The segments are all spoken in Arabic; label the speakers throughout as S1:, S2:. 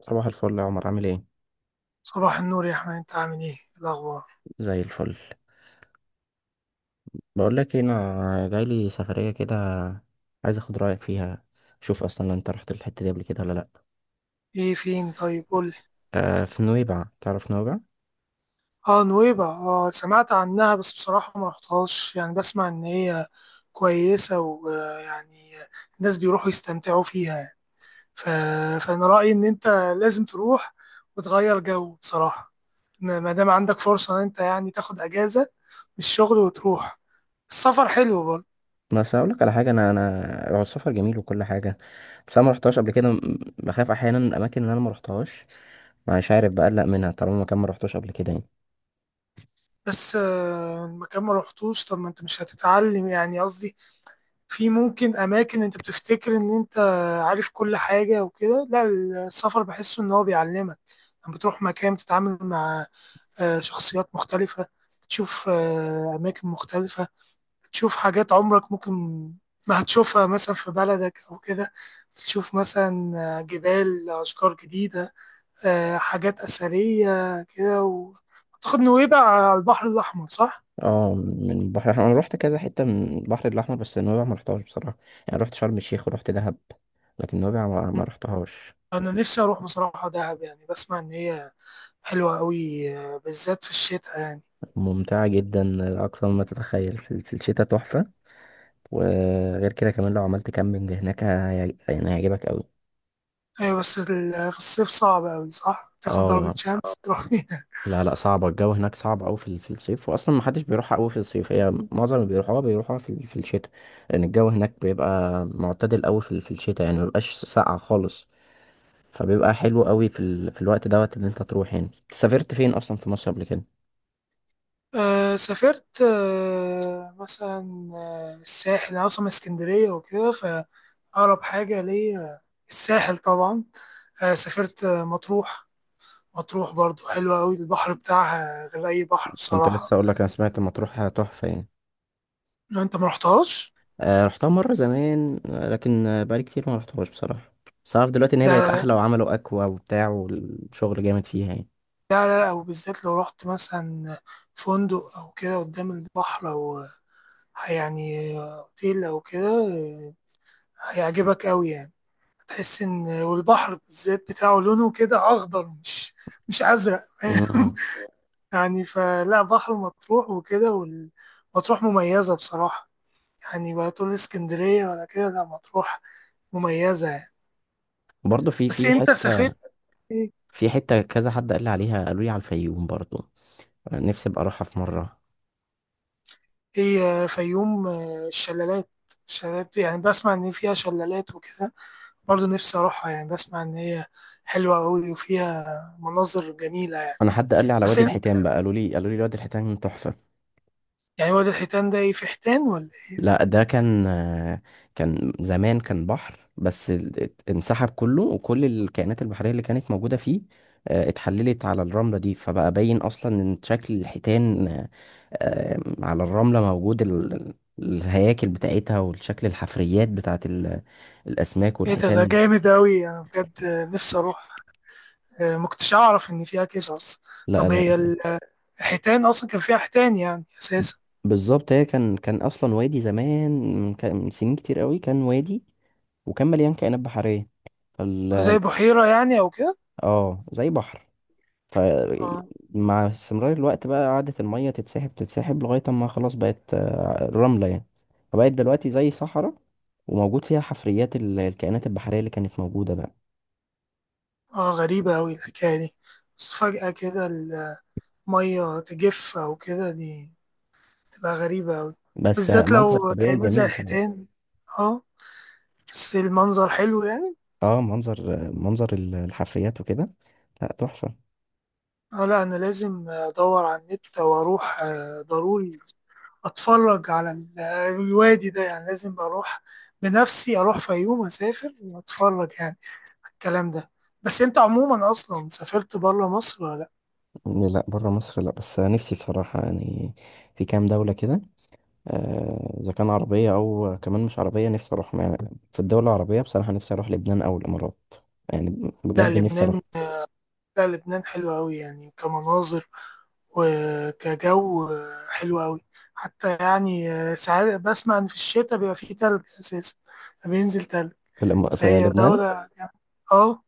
S1: صباح الفل يا عمر، عامل ايه؟
S2: صباح النور يا أحمد، أنت عامل إيه؟ إيه الأخبار؟
S1: زي الفل. بقول لك إيه، انا جاي لي سفريه كده، عايز اخد رايك فيها. شوف، اصلا انت رحت الحته دي قبل كده ولا لا؟
S2: إيه، فين؟ طيب قول لي.
S1: آه، في نويبع، تعرف نويبع؟
S2: آه، نويبع. آه، سمعت عنها بس بصراحة ما رحتهاش. يعني بسمع إن هي كويسة، ويعني الناس بيروحوا يستمتعوا فيها يعني. ف... فأنا رأيي إن أنت لازم تروح وتغير جو بصراحة. ما دام عندك فرصة إن أنت يعني تاخد أجازة من الشغل وتروح. السفر حلو برضه.
S1: بس اقول لك على حاجه، انا انا هو السفر جميل وكل حاجه. بس انا ما رحتهاش قبل كده بخاف احيانا من الاماكن اللي انا ما رحتهاش، مش عارف بقلق منها طالما مكان ما رحتوش قبل كده يعني.
S2: بس المكان ما رحتوش. طب ما أنت مش هتتعلم؟ يعني قصدي في ممكن أماكن أنت بتفتكر إن أنت عارف كل حاجة وكده، لا. السفر بحسه إن هو بيعلمك. لما بتروح مكان بتتعامل مع شخصيات مختلفة. بتشوف أماكن مختلفة. بتشوف حاجات عمرك ممكن ما هتشوفها مثلا في بلدك أو كده. بتشوف مثلا جبال، أشجار جديدة، حاجات أثرية كده. وتاخد نويبع على البحر الأحمر، صح؟
S1: اه، من البحر الاحمر انا رحت كذا حته من البحر الاحمر، بس نويبع ما رحتهاش بصراحه. يعني رحت شرم الشيخ ورحت دهب، لكن نويبع ما رحتهاش.
S2: أنا نفسي أروح بصراحة دهب. يعني بسمع إن هي حلوة أوي، بالذات في الشتاء يعني.
S1: ممتعة جدا لأقصى ما تتخيل، في الشتاء تحفة. وغير كده كمان لو عملت كامبينج هناك يعني هيعجبك أوي.
S2: أيوة بس في الصيف صعب أوي، صح؟ تاخد ضربة
S1: اه.
S2: شمس تروح فيها.
S1: لا، لا، صعبة الجو هناك صعب أوي في الصيف، وأصلا محدش بيروحها أوي في الصيف، هي معظم اللي بيروحوها في الشتاء. لأن الجو هناك بيبقى معتدل أوي في الشتاء يعني مبيبقاش ساقع خالص، فبيبقى حلو أوي في الوقت دوت اللي أنت تروح. يعني سافرت فين أصلا في مصر قبل كده؟
S2: أه سافرت. أه مثلا الساحل. أنا أصلا من اسكندرية وكده، فأقرب حاجة ليا الساحل طبعا. أه سافرت مطروح. مطروح برضو حلوة أوي، البحر بتاعها غير أي بحر
S1: كنت لسه
S2: بصراحة.
S1: أقولك، أنا سمعت مطروح تحفة يعني.
S2: لو أنت مرحتهاش.
S1: رحتها مرة زمان، لكن بقالي كتير ما رحتهاش بصراحة. بس أعرف دلوقتي إن هي بقت
S2: لا،
S1: أحلى وعملوا أكوا وبتاع والشغل جامد فيها يعني.
S2: لا، أو بالذات لو رحت مثلا فندق أو كده قدام البحر، أو يعني اوتيل او كده، هيعجبك قوي يعني. هتحس ان والبحر بالذات بتاعه لونه كده اخضر، مش ازرق، فاهم؟
S1: امم.
S2: يعني فلا، بحر مطروح وكده مطروح مميزة بصراحة يعني. ولا تقول اسكندرية ولا كده، لا، مطروح مميزة يعني.
S1: برضه
S2: بس انت سافرت ايه؟
S1: في حتة كذا حد قال لي عليها، قالوا لي على الفيوم برضه، نفسي أبقى أروحها في مرة.
S2: إيه، فيوم؟ الشلالات. الشلالات يعني بسمع ان فيها شلالات وكده. برضه نفسي اروحها، يعني بسمع ان هي حلوة قوي وفيها مناظر جميلة.
S1: أنا حد قال لي على
S2: بس
S1: وادي
S2: إن-
S1: الحيتان بقى، قالوا لي وادي الحيتان تحفة.
S2: يعني واد الحيتان ده ايه؟ في حيتان ولا ايه؟
S1: لا، ده كان كان زمان كان بحر، بس انسحب كله، وكل الكائنات البحرية اللي كانت موجودة فيه اتحللت على الرملة دي، فبقى باين أصلا إن شكل الحيتان، على الرملة موجود الهياكل بتاعتها والشكل، الحفريات بتاعت الأسماك
S2: ايه ده
S1: والحيتان.
S2: جامد أوي. أنا بجد نفسي أروح. ما كنتش أعرف إن فيها كده أصلا.
S1: لا،
S2: طب هي
S1: ده
S2: الحيتان أصلا كان فيها حيتان يعني أساسا؟
S1: بالظبط، هي كان أصلا وادي زمان، من سنين كتير قوي كان وادي، وكان مليان كائنات بحرية. فال
S2: زي بحيرة يعني أو كده؟
S1: اه، زي بحر.
S2: اه.
S1: فمع استمرار الوقت بقى قعدت المية تتسحب تتسحب لغاية اما خلاص بقت رملة يعني، فبقت دلوقتي زي صحراء، وموجود فيها حفريات الكائنات البحرية اللي كانت موجودة بقى.
S2: اه، غريبة أوي الحكاية دي. بس فجأة كده المية تجف أو كده، دي تبقى غريبة أوي.
S1: بس
S2: بالذات
S1: منظر
S2: لو
S1: طبيعي
S2: كائنات زي
S1: جميل طبعا.
S2: الحيتان. اه، بس المنظر حلو يعني.
S1: اه، منظر الحفريات وكده، لا تحفة.
S2: اه، لا، أنا لازم أدور على النت وأروح، ضروري اتفرج على الوادي ده يعني. لازم اروح بنفسي، اروح فيوم، اسافر واتفرج يعني الكلام ده. بس انت عموما اصلا سافرت بره مصر ولا لا؟
S1: لا، بره مصر لا، بس نفسي بصراحة يعني في كام دولة كده، إذا كان عربية أو كمان مش عربية نفسي أروح يعني. في الدول العربية بصراحة نفسي أروح لبنان أو الإمارات، يعني
S2: لا،
S1: بجد نفسي
S2: لبنان.
S1: أروح.
S2: لا، لبنان حلو قوي يعني، كمناظر وكجو، حلو قوي حتى يعني. ساعات بسمع ان في الشتاء بيبقى فيه تلج اساسا، بينزل تلج.
S1: في
S2: فهي
S1: لبنان
S2: دولة يعني. اه،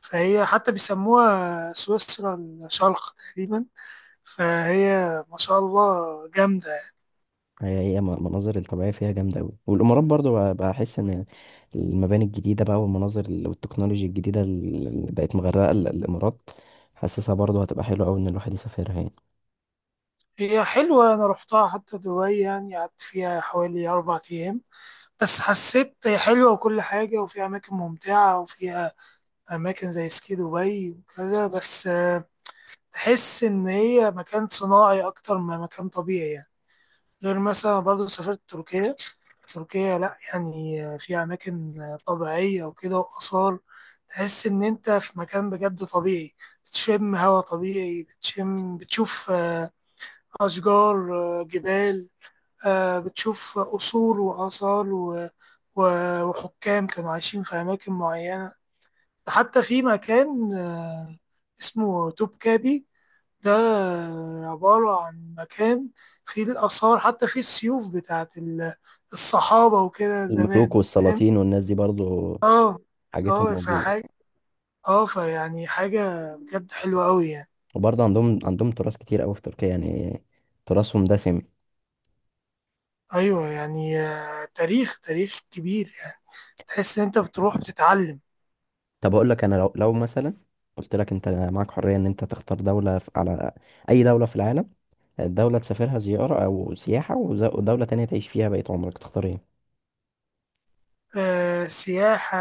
S2: فهي حتى بيسموها سويسرا الشرق تقريبا. فهي ما شاء الله جامدة.
S1: هي المناظر الطبيعية فيها جامدة أوي، والإمارات برضو بحس إن المباني الجديدة بقى، والمناظر والتكنولوجيا الجديدة اللي بقت مغرقة الإمارات، حاسسها برضو هتبقى حلوة أوي إن الواحد يسافرها يعني.
S2: هي حلوة، أنا رحتها حتى دبي، يعني قعدت فيها حوالي 4 أيام. بس حسيت هي حلوة وكل حاجة، وفيها أماكن ممتعة وفيها أماكن زي سكي دبي وكذا. بس تحس إن هي مكان صناعي أكتر ما مكان طبيعي يعني. غير مثلا برضه سافرت تركيا. تركيا لأ، يعني في أماكن طبيعية وكده وآثار. تحس إن أنت في مكان بجد طبيعي، بتشم هوا طبيعي. بتشوف أشجار، جبال. بتشوف قصور وآثار وحكام كانوا عايشين في أماكن معينة. حتى في مكان اسمه توبكابي. ده عبارة عن مكان فيه الآثار، حتى فيه السيوف بتاعت الصحابة وكده
S1: الملوك
S2: زمان، فاهم؟
S1: والسلاطين والناس دي برضو
S2: اه.
S1: حاجتهم
S2: اه
S1: موجودة.
S2: فحاجة، اه فيعني حاجة بجد حلوة أوي يعني.
S1: وبرضو عندهم تراث كتير أوي في تركيا يعني، تراثهم دسم.
S2: أيوة يعني تاريخ، تاريخ كبير يعني. تحس إن أنت بتروح بتتعلم.
S1: طب أقول لك، أنا لو مثلا قلت لك، أنت معاك حرية إن أنت تختار دولة على أي دولة في العالم، دولة تسافرها زيارة أو سياحة ودولة تانية تعيش فيها بقية عمرك، تختار ايه؟
S2: آه سياحة.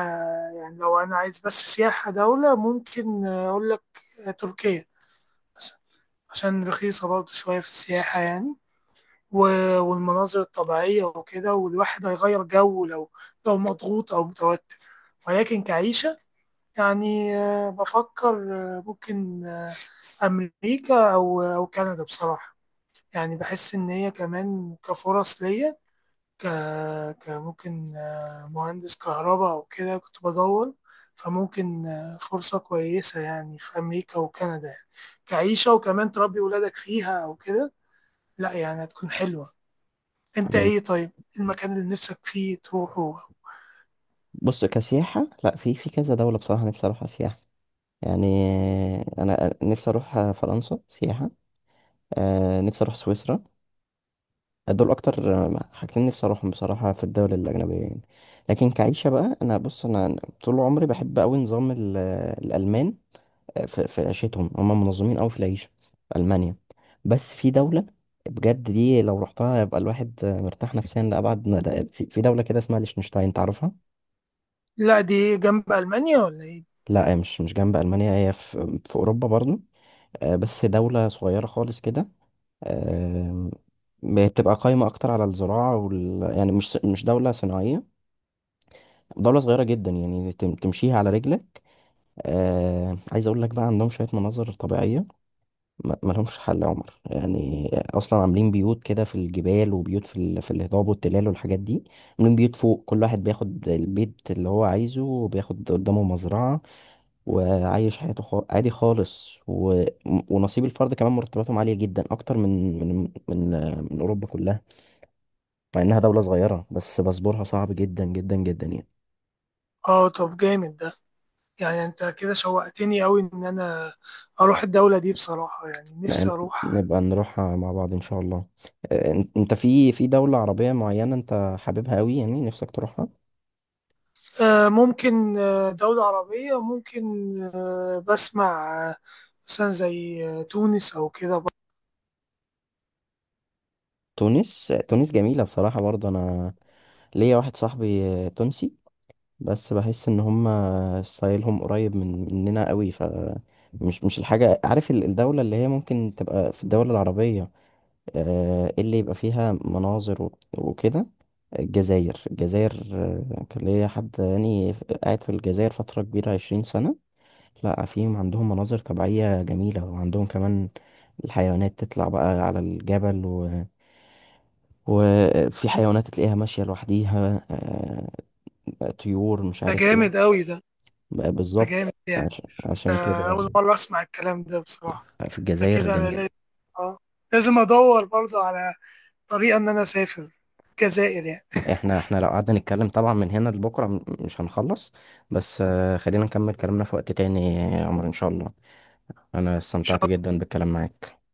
S2: يعني لو أنا عايز بس سياحة، دولة ممكن أقول لك تركيا مثلا، عشان رخيصة برضه شوية في السياحة يعني. والمناظر الطبيعية وكده، والواحد هيغير جو لو مضغوط أو متوتر. ولكن كعيشة يعني بفكر ممكن أمريكا أو كندا بصراحة. يعني بحس إن هي كمان كفرص ليا، ك كممكن مهندس كهرباء أو كده كنت بدور. فممكن فرصة كويسة يعني في أمريكا وكندا يعني. كعيشة وكمان تربي ولادك فيها أو كده، لا يعني هتكون حلوة. انت
S1: مم.
S2: ايه طيب؟ المكان اللي نفسك فيه تروحه؟
S1: بص، كسياحة لأ، في كذا دولة بصراحة نفسي أروحها سياحة يعني. أنا نفسي أروح فرنسا سياحة، نفسي أروح سويسرا. دول أكتر حاجتين نفسي أروحهم بصراحة في الدول الأجنبية يعني. لكن كعيشة بقى، بص، أنا طول عمري بحب أوي نظام الألمان، في عيشتهم، هم منظمين قوي في العيشة في ألمانيا. بس في دولة بجد دي لو رحتها يبقى الواحد مرتاح نفسيا لأبعد في دولة كده اسمها ليechtenstein، تعرفها؟
S2: لا، دي جنب المانيا ولا ايه؟
S1: لا، هي مش جنب ألمانيا، هي في أوروبا برضو، بس دولة صغيرة خالص كده. آم، بتبقى قايمة أكتر على الزراعة يعني مش دولة صناعية، دولة صغيرة جدا يعني تمشيها على رجلك. عايز أقول لك بقى، عندهم شوية مناظر طبيعية ما لهمش حل يا عمر، يعني اصلا عاملين بيوت كده في الجبال، وبيوت في الهضاب والتلال والحاجات دي. عاملين بيوت فوق، كل واحد بياخد البيت اللي هو عايزه، وبياخد قدامه مزرعة، وعايش حياته عادي خالص. ونصيب الفرد كمان، مرتباتهم عالية جدا اكتر من اوروبا كلها، مع انها دولة صغيرة، بس باسبورها صعب جدا جدا جدا يعني.
S2: اه طب جامد ده. يعني انت كده شوقتني قوي ان انا اروح الدولة دي بصراحة، يعني نفسي
S1: يعني
S2: اروح.
S1: نبقى نروحها مع بعض ان شاء الله. انت في دولة عربية معينة انت حاببها قوي، يعني نفسك تروحها؟
S2: آه ممكن دولة عربية ممكن. آه بسمع مثلا زي تونس او كده برضه.
S1: تونس، تونس جميلة بصراحة، برضه أنا ليا واحد صاحبي تونسي، بس بحس إن هما ستايلهم قريب من مننا قوي، مش الحاجة، عارف الدولة اللي هي ممكن تبقى في الدولة العربية، إيه اللي يبقى فيها مناظر وكده؟ الجزائر، الجزائر، كان ليا حد يعني قاعد في الجزائر فترة كبيرة 20 سنة. لا، فيهم عندهم مناظر طبيعية جميلة، وعندهم كمان الحيوانات تطلع بقى على الجبل، وفي حيوانات تلاقيها ماشية لوحديها، طيور مش
S2: ده
S1: عارف ايه.
S2: جامد قوي ده.
S1: بقى
S2: ده
S1: بالظبط،
S2: جامد يعني.
S1: عشان كده
S2: اول مرة اسمع الكلام ده بصراحة.
S1: في
S2: ده
S1: الجزائر
S2: كده انا
S1: جميل.
S2: لازم. اه، لازم ادور برضه على طريقة ان انا اسافر الجزائر يعني.
S1: احنا لو قعدنا نتكلم طبعا من هنا لبكرة مش هنخلص، بس خلينا نكمل كلامنا في وقت تاني يا عمر ان شاء الله. انا استمتعت جدا بالكلام معاك.